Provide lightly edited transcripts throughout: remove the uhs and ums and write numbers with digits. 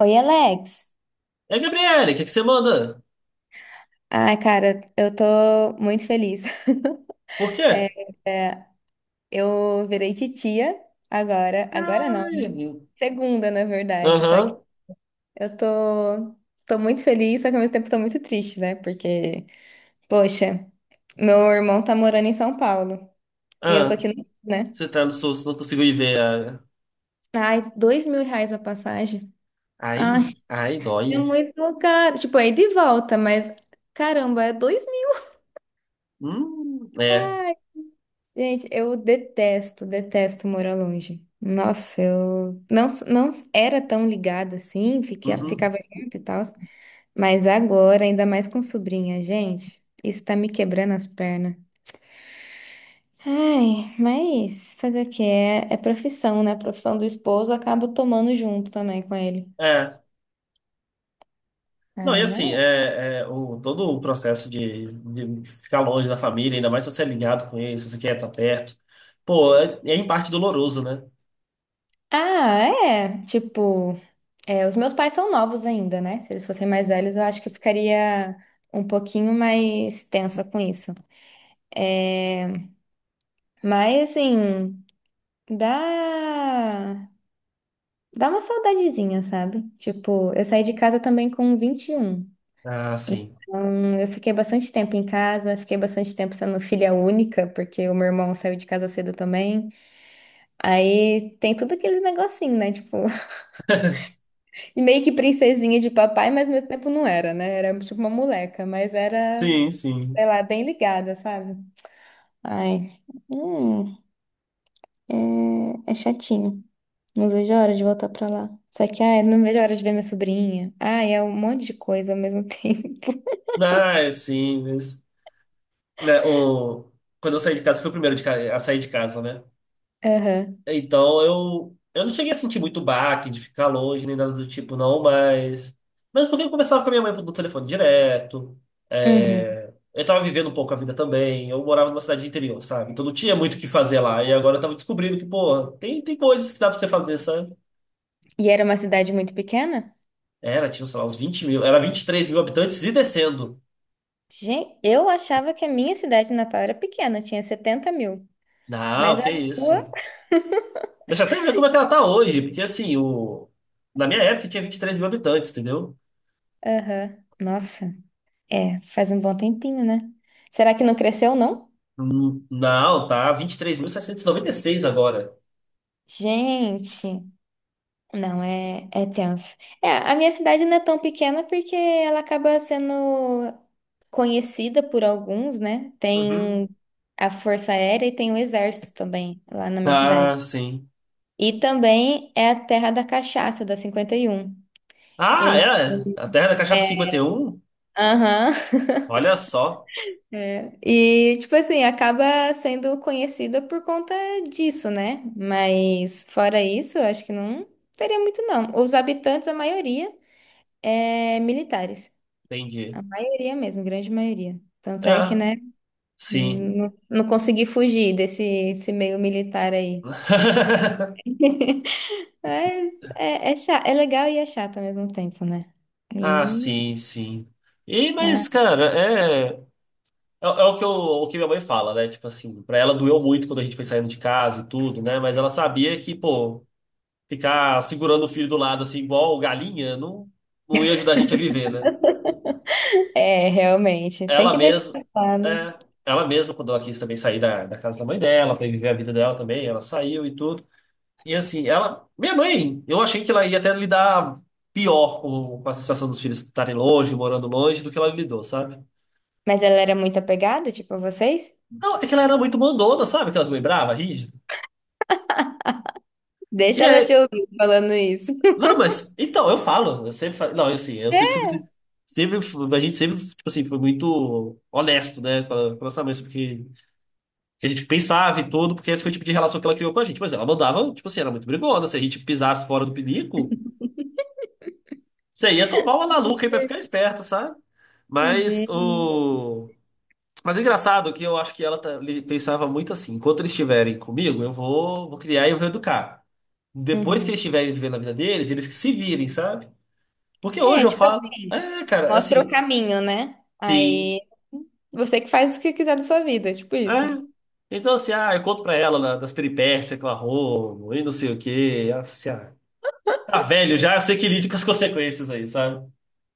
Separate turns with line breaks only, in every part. Oi, Alex.
É, Gabriele, o que é que você manda?
Ai, cara, eu tô muito feliz.
Por
É,
quê?
é, eu virei titia agora. Agora não,
Ai.
né? Segunda, na verdade. Só que
Aham.
eu tô muito feliz, só que ao mesmo tempo tô muito triste, né? Porque, poxa, meu irmão tá morando em São Paulo. E eu tô
Ah,
aqui no Rio, né?
você tá no susto, não consigo ir ver a.
Ai, R$ 2.000 a passagem. Ai,
Ai, ai,
é
dói.
muito caro. Tipo, é ida e volta, mas caramba, é dois.
É.
Gente, eu detesto, detesto morar longe. Nossa, eu não, era tão ligada assim,
Uhum.
ficava junto e tal, mas agora, ainda mais com sobrinha, gente, isso tá me quebrando as pernas. Ai, mas fazer o quê? É, é profissão, né? A profissão do esposo acaba tomando junto também com ele.
É. Não, e
Ai, mas...
assim, todo o processo de ficar longe da família, ainda mais se você é ligado com eles, se você quer estar perto. Pô, é em parte doloroso, né?
Ah, é. Tipo, é, os meus pais são novos ainda, né? Se eles fossem mais velhos, eu acho que eu ficaria um pouquinho mais tensa com isso. Mas assim, dá dá uma saudadezinha, sabe? Tipo, eu saí de casa também com 21.
Ah, sim.
Então, eu fiquei bastante tempo em casa, fiquei bastante tempo sendo filha única, porque o meu irmão saiu de casa cedo também. Aí tem tudo aqueles negocinho, né? Tipo, e meio que princesinha de papai, mas ao mesmo tempo não era, né? Era tipo uma moleca, mas era,
Sim, sim.
sei lá, bem ligada, sabe? Ai, hum, é, é chatinho. Não vejo a hora de voltar pra lá. Só que, ai, não vejo a hora de ver minha sobrinha. Ai, é um monte de coisa ao mesmo tempo.
Ah, é sim, né, o, quando eu saí de casa, fui o primeiro a sair de casa, né?
Aham.
Então eu não cheguei a sentir muito baque de ficar longe nem nada do tipo, não. Mas porque eu conversava com a minha mãe no telefone direto.
Uhum.
Eu tava vivendo um pouco a vida também. Eu morava numa cidade de interior, sabe? Então não tinha muito o que fazer lá. E agora eu tava descobrindo que, porra, tem coisas que dá pra você fazer, sabe?
E era uma cidade muito pequena?
Era, tinha, sei lá, uns 20 mil. Era 23 mil habitantes e descendo.
Gente, eu achava que a minha cidade natal era pequena, tinha 70.000. Mas
Não,
a
que
sua.
isso. Deixa eu até ver como é que ela tá hoje, porque assim. Na minha época tinha 23 mil habitantes, entendeu?
Aham. Nossa, é, faz um bom tempinho, né? Será que não cresceu, não?
Não, tá vinte e três mil seiscentos e noventa e seis agora.
Gente. Não, é, é tenso. É, a minha cidade não é tão pequena porque ela acaba sendo conhecida por alguns, né?
Uhum.
Tem a Força Aérea e tem o Exército também lá na minha
Ah,
cidade.
sim.
E também é a terra da cachaça, da 51.
Ah, é?
Então,
A Terra da Cachaça
é,
51.
aham.
Olha só.
É. E, tipo assim, acaba sendo conhecida por conta disso, né? Mas, fora isso, eu acho que não teria muito, não. Os habitantes, a maioria, é militares.
Entendi.
A maioria mesmo, grande maioria. Tanto é que,
Ah,
né,
sim.
não, não consegui fugir desse esse meio militar aí. Mas é, é, cha- é legal e é chato ao mesmo tempo, né?
Ah,
E,
sim, sim. E,
ah,
mas, cara, é o que o que minha mãe fala, né? Tipo assim, pra ela doeu muito quando a gente foi saindo de casa e tudo, né? Mas ela sabia que, pô, ficar segurando o filho do lado, assim, igual galinha, não, não ia ajudar a gente a viver, né?
é, realmente. Tem
Ela
que deixar
mesma,
lá, né?
é, ela mesma, quando ela quis também sair da casa da mãe dela, para viver a vida dela também, ela saiu e tudo. E assim, ela, minha mãe, eu achei que ela ia até lidar pior com a sensação dos filhos estarem longe, morando longe, do que ela lidou, sabe?
Mas ela era muito apegada, tipo, a vocês?
Não, é que ela era muito mandona, sabe? Aquelas mães bravas, rígidas. E
Deixa ela te
aí,
ouvir falando isso.
não, mas, então, eu falo, eu sempre falo, não, assim, eu sempre fui muito, a gente sempre, tipo assim, foi muito honesto, né, com a nossa mãe, sobre o que que a gente pensava e tudo, porque esse foi o tipo de relação que ela criou com a gente. Mas ela mandava, tipo assim, era muito brigona. Se a gente pisasse fora do pinico, você ia tomar uma laluca aí pra ficar esperto, sabe? Mas
Gente.
o. Mas é engraçado que eu acho que ela pensava muito assim: enquanto eles estiverem comigo, eu vou criar e eu vou educar. Depois que
Uhum.
eles estiverem vivendo a vida deles, eles que se virem, sabe? Porque
É,
hoje eu
tipo
falo,
assim,
cara,
mostra o
assim,
caminho, né?
sim,
Aí você que faz o que quiser da sua vida, tipo
é.
isso.
Então, assim, ah, eu conto pra ela das peripécias que eu arrumo e não sei o quê. Ela, fala assim, ah, Tá velho já, sei que lide com as consequências aí, sabe?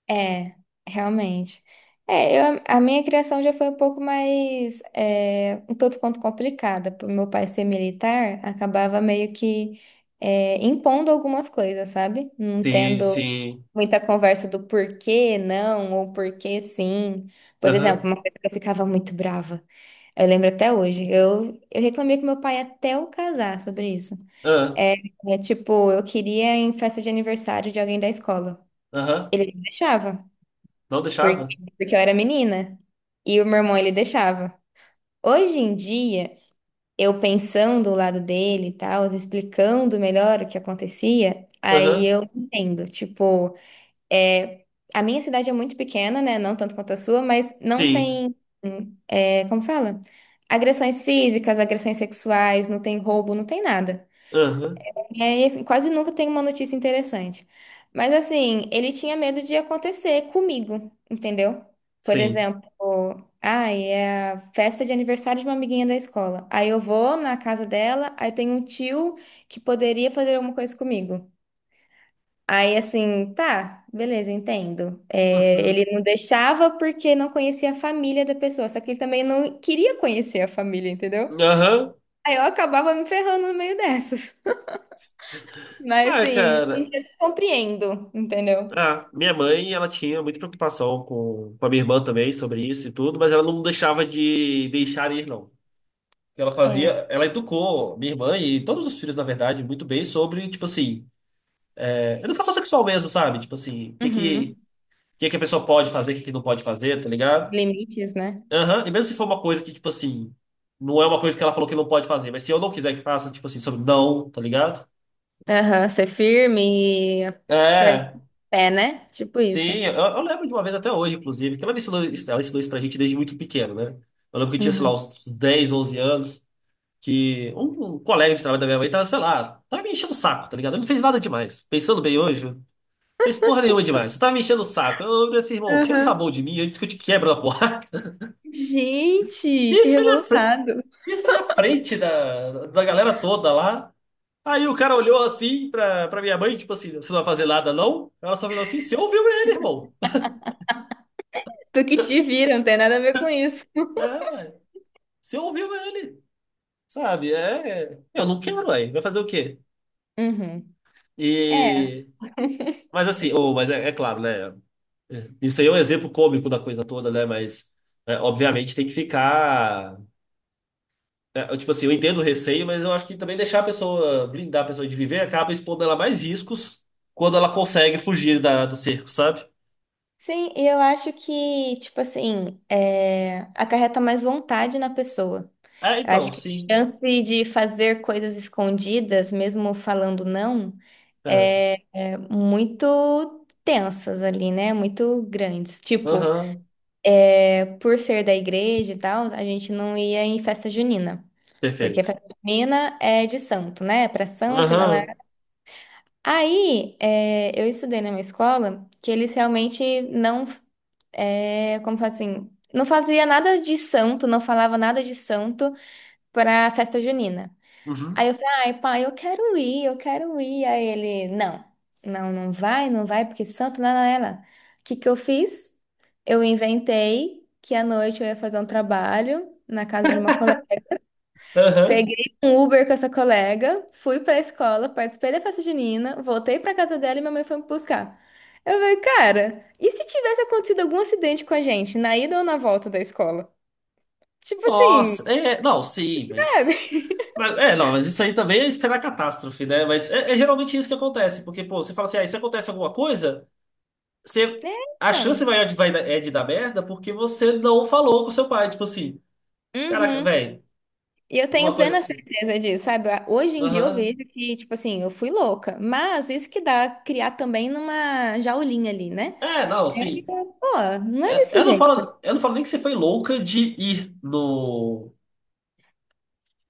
É, realmente. É, eu, a minha criação já foi um pouco mais, é, um tanto quanto complicada. Por meu pai ser militar, acabava meio que, é, impondo algumas coisas, sabe? Não
Sim,
tendo
sim.
muita conversa do porquê não ou porquê sim. Por exemplo,
Aham,
uma coisa que eu ficava muito brava. Eu lembro até hoje. Eu reclamei com meu pai até eu casar sobre isso.
aham,
É, é, tipo, eu queria ir em festa de aniversário de alguém da escola.
aham.
Ele não deixava
Não
porque,
deixava?
porque eu era menina. E o meu irmão, ele deixava. Hoje em dia, eu pensando do lado dele e tal, explicando melhor o que acontecia, aí
Aham,
eu entendo. Tipo, é, a minha cidade é muito pequena, né? Não tanto quanto a sua, mas não
sim.
tem, é, como fala? Agressões físicas, agressões sexuais, não tem roubo, não tem nada.
Aham,
É, e assim, quase nunca tem uma notícia interessante. Mas assim, ele tinha medo de acontecer comigo, entendeu? Por
sim.
exemplo, ai, é a festa de aniversário de uma amiguinha da escola. Aí eu vou na casa dela, aí tem um tio que poderia fazer alguma coisa comigo. Aí assim, tá, beleza, entendo. É,
Uhum.
ele não deixava porque não conhecia a família da pessoa, só que ele também não queria conhecer a família, entendeu?
Aham.
Aí eu acabava me ferrando no meio dessas. Mas
Ah,
assim, a
cara.
gente eu te compreendo, entendeu?
Ah, minha mãe, ela tinha muita preocupação com a minha irmã também sobre isso e tudo, mas ela não deixava de deixar ir, não. O que ela fazia,
É.
ela educou minha irmã e todos os filhos, na verdade, muito bem sobre, tipo assim, educação sexual mesmo, sabe? Tipo assim, o que
Uhum.
que, o que que a pessoa pode fazer, o que que não pode fazer, tá ligado?
Limites, né?
Aham, e mesmo se for uma coisa que, tipo assim, não é uma coisa que ela falou que não pode fazer, mas se eu não quiser que faça, tipo assim, sobre não, tá ligado?
Aham, ser firme e pé,
É,
pé, né? Tipo isso.
sim, eu lembro de uma vez até hoje, inclusive, que ela me ensinou, ela ensinou isso pra gente desde muito pequeno, né? Eu lembro que eu tinha, sei lá,
Uhum.
uns 10, 11 anos, que um colega de trabalho da minha mãe tava, sei lá, tava me enchendo o saco, tá ligado? Ele não fez nada demais. Pensando bem hoje, não fez porra nenhuma demais. Você tava me enchendo o saco. Eu falei assim, irmão, tira essa
Aham.
mão de mim antes que eu te quebro na porrada. E
Gente, que
isso foi na frente,
revoltado.
isso foi na frente da galera toda lá. Aí o cara olhou assim pra minha mãe, tipo assim, você não vai fazer nada, não? Ela só virou assim, você ouviu ele, irmão?
Tu que te vira, não tem nada a ver com isso.
É, ué, você ouviu ele, sabe? É, eu não quero, ué, vai fazer o quê?
Uhum. É,
E, mas assim, mas é claro, né? Isso aí é um exemplo cômico da coisa toda, né? Mas, obviamente, tem que ficar. Tipo assim, eu entendo o receio, mas eu acho que também deixar a pessoa, blindar a pessoa de viver, acaba expondo ela a mais riscos quando ela consegue fugir do cerco, sabe?
sim, e eu acho que, tipo assim, é, acarreta mais vontade na pessoa.
É,
Eu
então,
acho que a
sim.
chance de fazer coisas escondidas, mesmo falando não,
É.
é, é muito tensas ali, né? Muito grandes. Tipo,
Aham.
é, por ser da igreja e tal, a gente não ia em festa junina. Porque
Perfeito.
festa junina é de santo, né? É pra santo e lá, lá.
Aham.
Aí, é, eu estudei numa escola que eles realmente não, é, como fala assim, não fazia nada de santo, não falava nada de santo pra festa junina.
Uhum.
Aí eu falei, ai, pai, eu quero ir, eu quero ir. Aí ele, não, não, não vai, não vai, porque santo lá na ela. O que que eu fiz? Eu inventei que à noite eu ia fazer um trabalho na casa de uma colega.
Aham.
Peguei um Uber com essa colega, fui pra escola, participei da festa junina, voltei pra casa dela e minha mãe foi me buscar. Eu falei, cara, e se tivesse acontecido algum acidente com a gente, na ida ou na volta da escola? Tipo assim,
Nossa, é, não, sim,
sabe?
é, não, mas isso aí também é esperar catástrofe, né? Mas é geralmente isso que acontece, porque, pô, você fala assim, ah, e se acontece alguma coisa, você,
É,
a chance
então.
maior de, vai, é de dar merda porque você não falou com seu pai. Tipo assim, caraca,
Uhum.
velho,
E eu tenho
uma coisa
plena
assim.
certeza disso, sabe? Hoje em dia eu
Aham.
vejo que, tipo assim, eu fui louca. Mas isso que dá criar também numa jaulinha ali, né?
É, não,
É,
sim.
pô, não é
É,
desse
Eu não
jeito
falo, eu não falo nem que você foi louca de ir no.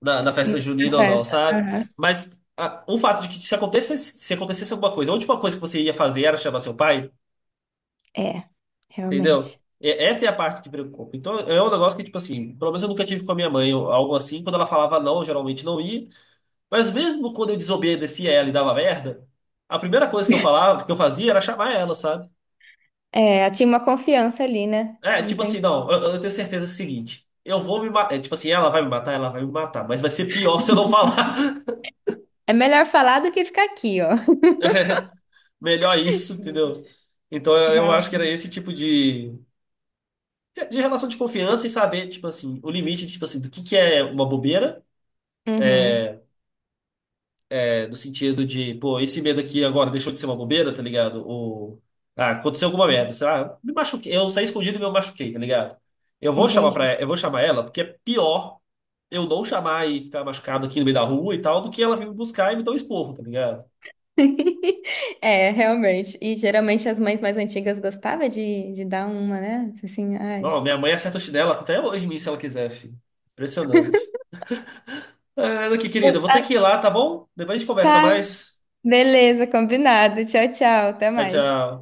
na, na festa
essa
junina ou não,
festa.
sabe?
Aham.
Mas o fato de que se acontecesse alguma coisa, a última coisa que você ia fazer era chamar seu pai,
É,
entendeu?
realmente.
Essa é a parte que preocupa. Então é um negócio que, tipo assim, pelo menos eu nunca tive com a minha mãe ou algo assim. Quando ela falava não, eu geralmente não ia. Mas mesmo quando eu desobedecia ela e dava merda, a primeira coisa que eu falava, que eu fazia era chamar ela, sabe?
É, tinha uma confiança ali, né?
É,
Não
tipo
tem...
assim, não, eu tenho certeza do seguinte. Eu vou me matar. Tipo assim, ela vai me matar, ela vai me matar. Mas vai ser pior se eu não falar.
É melhor falar do que ficar aqui, ó.
Melhor isso,
Sim.
entendeu? Então eu
Real.
acho que era esse tipo de, relação de confiança e saber, tipo assim, o limite, tipo assim, do que é uma bobeira,
Uhum.
no sentido de, pô, esse medo aqui agora deixou de ser uma bobeira, tá ligado? Ou, ah, aconteceu alguma merda,
Sim,
sei lá, me machuquei, eu saí escondido e me machuquei, tá ligado? Eu vou chamar
entendi.
pra, eu vou chamar ela, porque é pior eu não chamar e ficar machucado aqui no meio da rua e tal, do que ela vir me buscar e me dar um esporro, tá ligado?
É, realmente. E geralmente as mães mais antigas gostavam de dar uma, né? Assim, ai.
Não, minha mãe acerta o chinelo até hoje em mim se ela quiser, filho. Impressionante. É, aqui,
Pô,
querida, eu vou ter
a-
que ir lá, tá bom? Depois a gente conversa mais.
Beleza, combinado. Tchau, tchau. Até
Tchau,
mais.
tchau.